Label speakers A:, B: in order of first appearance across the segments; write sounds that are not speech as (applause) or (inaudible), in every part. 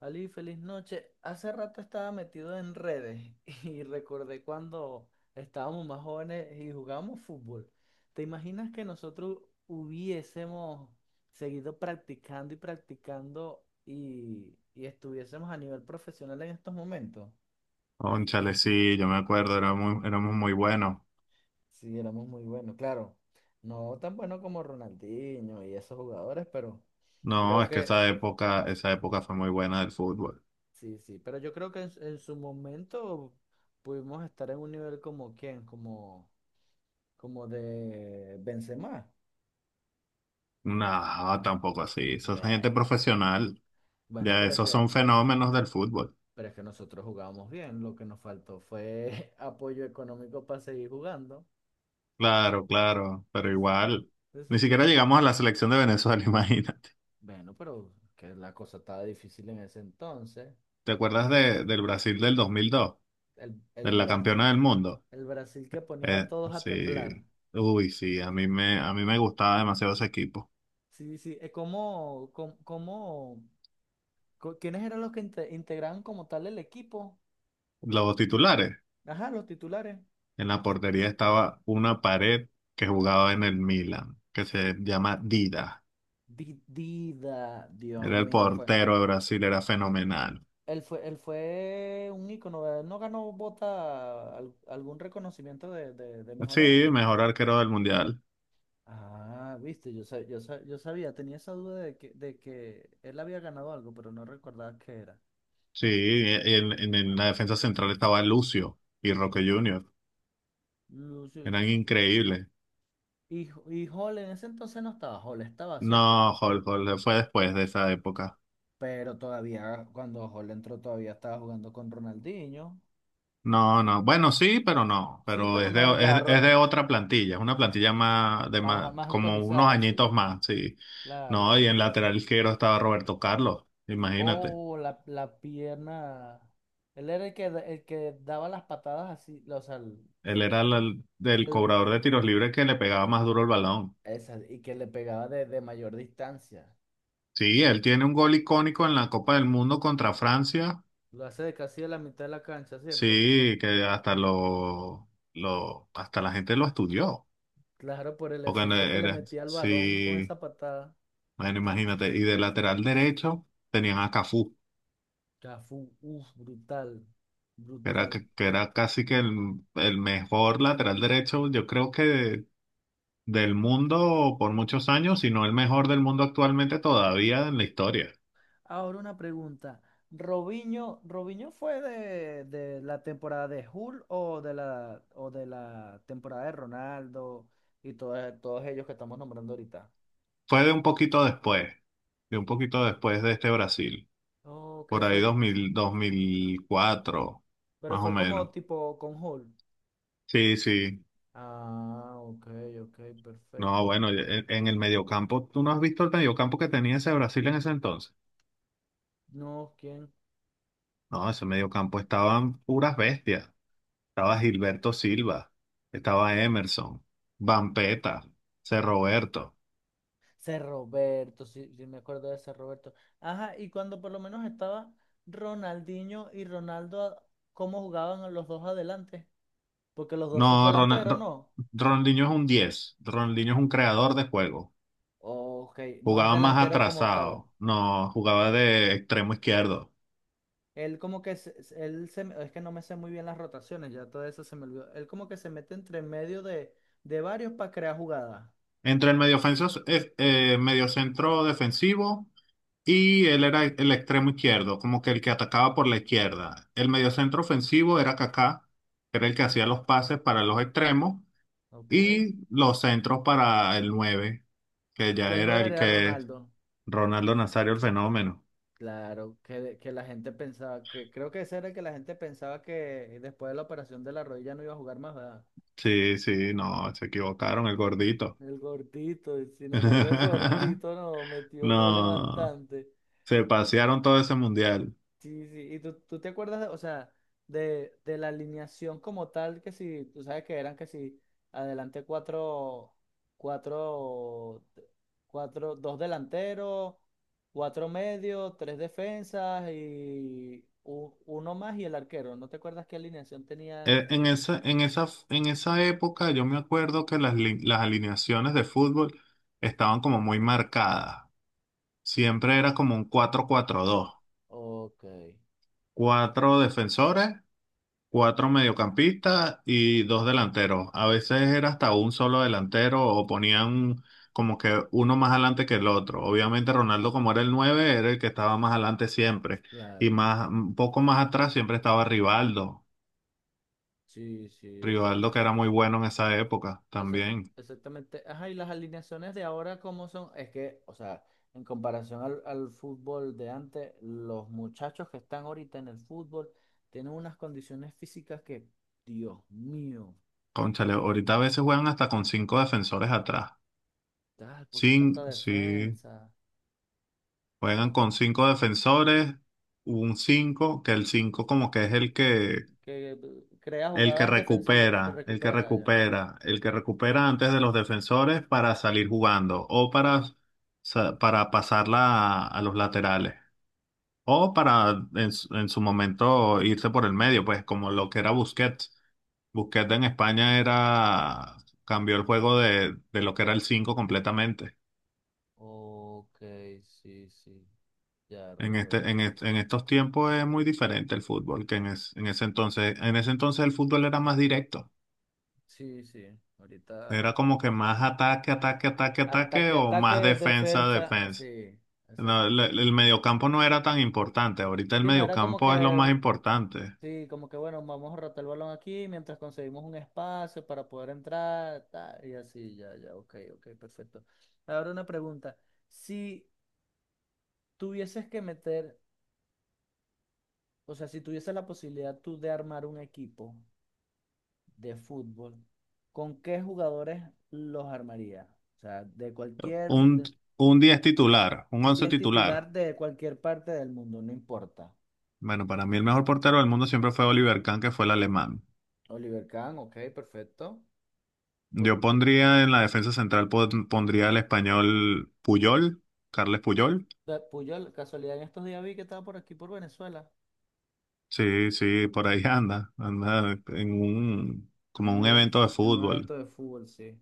A: Ali, feliz noche. Hace rato estaba metido en redes (laughs) y recordé cuando estábamos más jóvenes y jugábamos fútbol. ¿Te imaginas que nosotros hubiésemos seguido practicando y practicando y estuviésemos a nivel profesional en estos momentos?
B: Cónchale, sí, yo me acuerdo, éramos muy buenos.
A: Sí, éramos muy buenos, claro. No tan buenos como Ronaldinho y esos jugadores, pero
B: No,
A: creo
B: es que
A: que
B: esa época fue muy buena del fútbol.
A: sí, sí. Pero yo creo que en su momento pudimos estar en un nivel como quién, como como de Benzema.
B: No, tampoco así. Esa es gente
A: Eh,
B: profesional.
A: Bueno,
B: Ya esos son fenómenos del fútbol.
A: pero es que nosotros jugábamos bien. Lo que nos faltó fue (laughs) apoyo económico para seguir jugando.
B: Claro, claro, pero
A: Listo.
B: igual. Ni siquiera
A: Exactamente.
B: llegamos a la selección de Venezuela, (laughs) imagínate.
A: Bueno, pero que la cosa estaba difícil en ese entonces.
B: ¿Te acuerdas del Brasil del 2002?
A: El, el,
B: De la
A: Bra-
B: campeona del mundo.
A: el Brasil que ponía a todos a temblar.
B: Sí. Uy, sí, a mí me gustaba demasiado ese equipo.
A: Sí, sí. ¿Cómo, quiénes eran los que integraban como tal el equipo?
B: Los titulares.
A: Ajá, los titulares.
B: En la portería estaba una pared que jugaba en el Milan, que se llama Dida.
A: Dida, Dios
B: Era el
A: mío, fue,
B: portero de Brasil, era fenomenal.
A: él fue, él fue un ícono, ¿verdad? Él no ganó bota, algún reconocimiento de mejor
B: Sí,
A: arquero.
B: mejor arquero del mundial.
A: Ah, viste, yo sabía, tenía esa duda de que él había ganado algo, pero no recordaba qué era.
B: Sí, en la defensa central estaba Lucio y Roque Junior.
A: No sé.
B: Eran increíbles.
A: Y Hall en ese entonces no estaba, Hall estaba, ¿cierto?
B: No, Jorge, Jorge fue después de esa época.
A: Pero todavía, cuando Hall entró, todavía estaba jugando con Ronaldinho.
B: No, no. Bueno, sí, pero no.
A: Sí,
B: Pero
A: pero
B: es de,
A: no,
B: es, es de otra plantilla. Es una plantilla más, de
A: más,
B: más,
A: más
B: como unos
A: actualizada, sí,
B: añitos más, sí.
A: claro.
B: No, y en lateral izquierdo estaba Roberto Carlos. Imagínate.
A: Oh, la pierna. Él era el que, el que daba las patadas así, o sea,
B: Él era el
A: el-
B: cobrador de tiros libres que le pegaba más duro el balón.
A: esa, y que le pegaba de mayor distancia.
B: Sí, él tiene un gol icónico en la Copa del Mundo contra Francia.
A: Lo hace de casi de la mitad de la cancha, ¿cierto?
B: Sí, que hasta lo, hasta la gente lo estudió.
A: Claro, por el efecto que le
B: Era,
A: metía al balón con
B: sí,
A: esa patada.
B: bueno, imagínate. Y de lateral derecho tenían a Cafú.
A: Ya fue, uf, brutal,
B: Era, que
A: brutal.
B: que era casi que el mejor lateral derecho, yo creo del mundo por muchos años, si no el mejor del mundo actualmente todavía en la historia.
A: Ahora una pregunta. ¿Robinho, Robinho fue de la temporada de Hull o o de la temporada de Ronaldo? Y todos, todos ellos que estamos nombrando ahorita.
B: Fue de un poquito después de este Brasil,
A: Ok,
B: por ahí
A: fue,
B: 2000, 2004,
A: pero
B: más o
A: fue
B: menos.
A: como tipo con Hall.
B: Sí, sí.
A: Ah, ok, ok,
B: No,
A: perfecto.
B: bueno, en el mediocampo, ¿tú no has visto el mediocampo que tenía ese Brasil en ese entonces?
A: No, ¿quién?
B: No, ese mediocampo estaban puras bestias. Estaba Gilberto Silva, estaba Emerson, Vampeta, C. Roberto.
A: Ser Roberto, sí, sí me acuerdo de Ser Roberto. Ajá, y cuando por lo menos estaba Ronaldinho y Ronaldo, ¿cómo jugaban los dos adelante? Porque los dos
B: No,
A: son delanteros, ¿no?
B: Ronaldinho es un diez. Ronaldinho es un creador de juego.
A: Ok, no es
B: Jugaba más
A: delantero como tal.
B: atrasado, no, jugaba de extremo izquierdo.
A: Él como que, él se, es que no me sé muy bien las rotaciones, ya todo eso se me olvidó. Él como que se mete entre medio de varios para crear jugadas.
B: Entre el mediocentro defensivo y él era el extremo izquierdo, como que el que atacaba por la izquierda. El mediocentro ofensivo era Kaká, que era el que hacía los pases para los extremos
A: Ok.
B: y los centros para el 9 que ya
A: Y el
B: era
A: 9
B: el
A: era
B: que.
A: Ronaldo.
B: Ronaldo Nazario el fenómeno.
A: Claro, que, que la gente pensaba que, creo que ese era el que la gente pensaba que después de la operación de la rodilla no iba a jugar más, ¿verdad?
B: Sí, sí, no, se equivocaron, el gordito.
A: El gordito, y sin embargo, el
B: (laughs)
A: gordito no metió goles
B: No,
A: bastante.
B: se pasearon todo ese mundial.
A: Sí, sí, y tú te acuerdas, o sea, de la alineación como tal, que si, tú sabes que eran que si, adelante cuatro, cuatro, cuatro, dos delanteros, cuatro medios, tres defensas y uno más y el arquero. ¿No te acuerdas qué alineación tenían
B: Eh, En
A: ellos?
B: esa, en esa, en esa época yo me acuerdo que las alineaciones de fútbol estaban como muy marcadas. Siempre era como un 4-4-2.
A: Ok,
B: Cuatro defensores, cuatro mediocampistas y dos delanteros. A veces era hasta un solo delantero o ponían como que uno más adelante que el otro. Obviamente Ronaldo, como era el nueve, era el que estaba más adelante siempre. Y
A: claro.
B: más, un poco más atrás siempre estaba Rivaldo.
A: Sí, sí, exacto.
B: Rivaldo que era muy bueno en esa época
A: Exac-
B: también.
A: Exactamente. Ajá, y las alineaciones de ahora, ¿cómo son? Es que, o sea, en comparación al fútbol de antes, los muchachos que están ahorita en el fútbol tienen unas condiciones físicas que, Dios mío,
B: Cónchale, ahorita a veces juegan hasta con cinco defensores atrás.
A: tal, ¿por qué tanta
B: Sí,
A: defensa?
B: juegan
A: Son
B: con cinco defensores, un cinco, que el cinco como que es el que.
A: que crea
B: El que
A: jugadas defensivas que
B: recupera, el que
A: recupera ya.
B: recupera, el que recupera antes de los defensores para salir jugando o para pasarla a los laterales o para en su momento irse por el medio, pues como lo que era Busquets. Busquets en España cambió el juego de lo que era el 5 completamente.
A: Ok, sí, sí, ya
B: En este,
A: recuerdo.
B: en, est- en estos tiempos es muy diferente el fútbol que en ese entonces. En ese entonces el fútbol era más directo.
A: Sí, sí, ahorita.
B: Era como que más ataque, ataque, ataque, ataque
A: Ataque,
B: o más
A: ataque,
B: defensa,
A: defensa,
B: defensa.
A: sí,
B: No, el,
A: exactamente.
B: el mediocampo no era tan importante. Ahorita el
A: Sí, no era como
B: mediocampo es lo
A: que
B: más importante.
A: sí, como que bueno, vamos a rotar el balón aquí mientras conseguimos un espacio para poder entrar, tal, y así, ya, ya, ok, ok, perfecto. Ahora una pregunta, si tuvieses que meter, o sea, si tuvieses la posibilidad tú de armar un equipo de fútbol, ¿con qué jugadores los armarías? O sea,
B: Un, un 10 titular, un 11
A: 10
B: titular.
A: titular de cualquier parte del mundo, no importa.
B: Bueno, para mí el mejor portero del mundo siempre fue Oliver Kahn, que fue el alemán.
A: Oliver Kahn, ok, perfecto. Por,
B: Yo pondría en la defensa central, pondría al español Puyol, Carles Puyol.
A: Puyol, casualidad en estos días vi que estaba por aquí, por Venezuela.
B: Sí, sí, por ahí (laughs) anda, anda como
A: Un
B: un
A: evento,
B: evento de
A: en un
B: fútbol.
A: evento de fútbol, sí.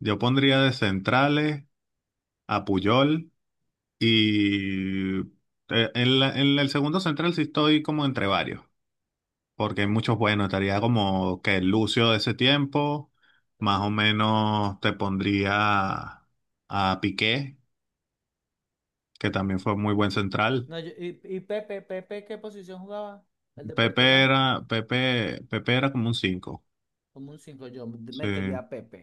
B: Yo pondría de centrales a Puyol. Y en el segundo central sí estoy como entre varios, porque hay muchos buenos. Estaría como que Lucio de ese tiempo, más o
A: Ok.
B: menos te pondría a Piqué, que también fue muy buen central.
A: No, y Pepe, Pepe, ¿qué posición jugaba? El de Portugal.
B: Pepe era como un cinco.
A: Como un 5 yo metería
B: Sí.
A: a Pepe.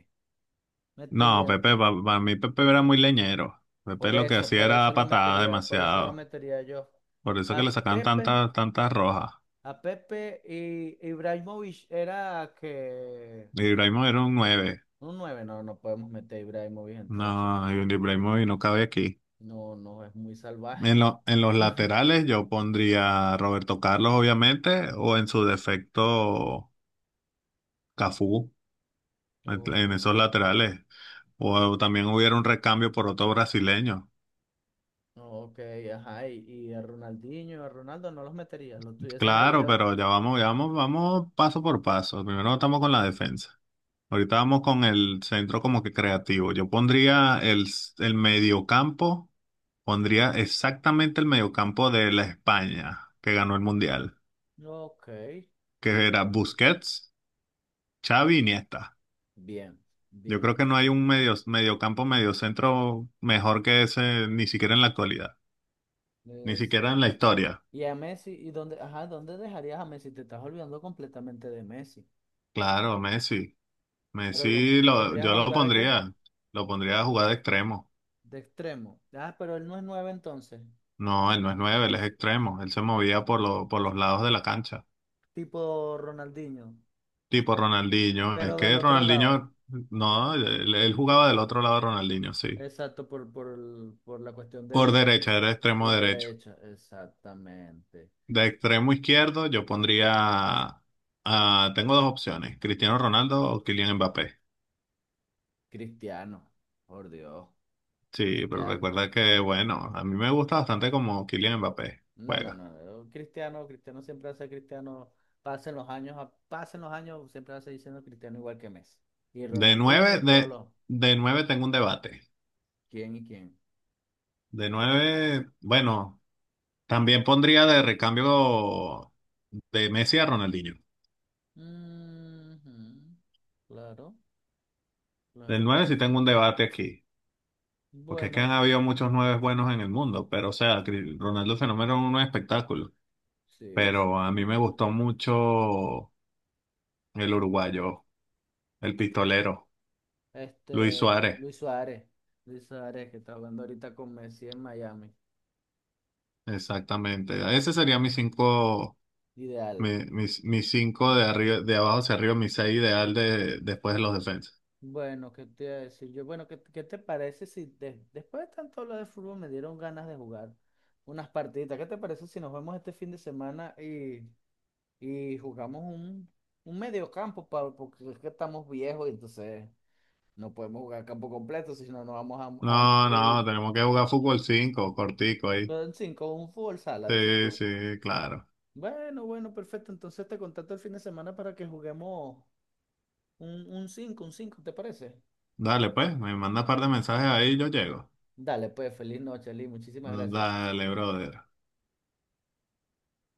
B: No,
A: Metería.
B: Pepe, para mí Pepe era muy leñero. Pepe lo que hacía
A: Por
B: era
A: eso
B: dar
A: lo
B: patadas
A: metería, por eso lo
B: demasiado.
A: metería yo.
B: Por eso que
A: A
B: le sacaban
A: Pepe,
B: tantas, tantas rojas.
A: a Pepe y Ibrahimovic era que
B: Ibrahimovic era un nueve.
A: un 9 no, no podemos meter a Ibrahimovic entonces.
B: No, Ibrahimovic no cabe aquí.
A: No, no, es muy
B: En,
A: salvaje.
B: lo- en los
A: (laughs)
B: laterales yo pondría a Roberto Carlos, obviamente, o en su defecto Cafú, en,
A: Ok.
B: en esos laterales. O también hubiera un recambio por otro brasileño.
A: Ok, ajá, y a Ronaldinho y a Ronaldo no los meterías, los tuvieses ahí
B: Claro,
A: de
B: pero ya vamos, vamos paso por paso. Primero estamos con la defensa. Ahorita vamos con el centro como que creativo. Yo pondría el mediocampo, pondría exactamente el mediocampo de la España, que ganó el Mundial.
A: Ok,
B: Que era
A: perfecto.
B: Busquets, Xavi, Iniesta.
A: Bien,
B: Yo
A: bien.
B: creo que no hay un mediocentro mejor que ese, ni siquiera en la actualidad, ni
A: Es-
B: siquiera en la historia.
A: Y a Messi, ¿y dónde, ajá, dónde dejarías a Messi? Te estás olvidando completamente de Messi.
B: Claro, Messi.
A: Pero lo,
B: Messi
A: ¿lo
B: lo,
A: pondrías
B: yo
A: a
B: lo
A: jugar de qué?
B: pondría, lo pondría a jugar de extremo.
A: De extremo. Ah, pero él no es nueve entonces,
B: No, él no es nueve, él es extremo. Él se movía por los lados de la cancha.
A: tipo Ronaldinho.
B: Tipo Ronaldinho. Es
A: Pero del
B: que
A: otro lado.
B: Ronaldinho, no, él jugaba del otro lado de Ronaldinho, sí.
A: Exacto, por, por la cuestión de
B: Por derecha, era extremo
A: Por
B: derecho.
A: derecha, exactamente.
B: De extremo izquierdo, yo pondría. Tengo dos opciones: Cristiano Ronaldo o Kylian Mbappé.
A: Cristiano, por Dios,
B: Sí, pero
A: Cristiano.
B: recuerda que, bueno, a mí me gusta bastante como Kylian Mbappé
A: No, no,
B: juega.
A: no. Yo Cristiano, Cristiano siempre hace Cristiano. Pasen los años, pasen los años, siempre hace diciendo Cristiano igual que Messi. Y
B: De
A: Ronaldinho
B: nueve,
A: y todos
B: de,
A: los.
B: de nueve tengo un debate.
A: ¿Quién y quién?
B: De nueve, bueno, también pondría de recambio de Messi a Ronaldinho.
A: Ujú, claro,
B: Del
A: claro,
B: nueve sí
A: perfecto.
B: tengo un debate aquí. Porque es que han
A: Bueno,
B: habido muchos nueves buenos en el mundo, pero o sea, Ronaldo Fenómeno es un espectáculo.
A: sí,
B: Pero a mí me
A: exactamente.
B: gustó mucho. El uruguayo, el pistolero, Luis
A: Este,
B: Suárez,
A: Luis Suárez. Luis Suárez, que está jugando ahorita con Messi en Miami.
B: exactamente. Ese sería mis cinco,
A: Ideal.
B: mis cinco
A: Tú,
B: de arriba, de abajo hacia arriba, mis seis ideal después de los defensas.
A: bueno, ¿qué te iba a decir yo? Bueno, ¿qué, qué te parece si después de tanto hablar de fútbol me dieron ganas de jugar unas partiditas? ¿Qué te parece si nos vemos este fin de semana y jugamos un mediocampo, Pablo? Porque es que estamos viejos y entonces no podemos jugar campo completo, si no nos vamos a
B: No, no,
A: morir
B: tenemos que jugar fútbol 5 cortico ahí.
A: con, sí, con un fútbol sala, dices
B: Sí,
A: tú.
B: sí, claro.
A: Bueno, bueno, perfecto. Entonces te contacto el fin de semana para que juguemos un 5 un cinco, ¿te parece?
B: Dale, pues, me manda un par de mensajes ahí y yo llego.
A: Dale, pues, feliz noche, Lee. Muchísimas gracias.
B: Dale, brother.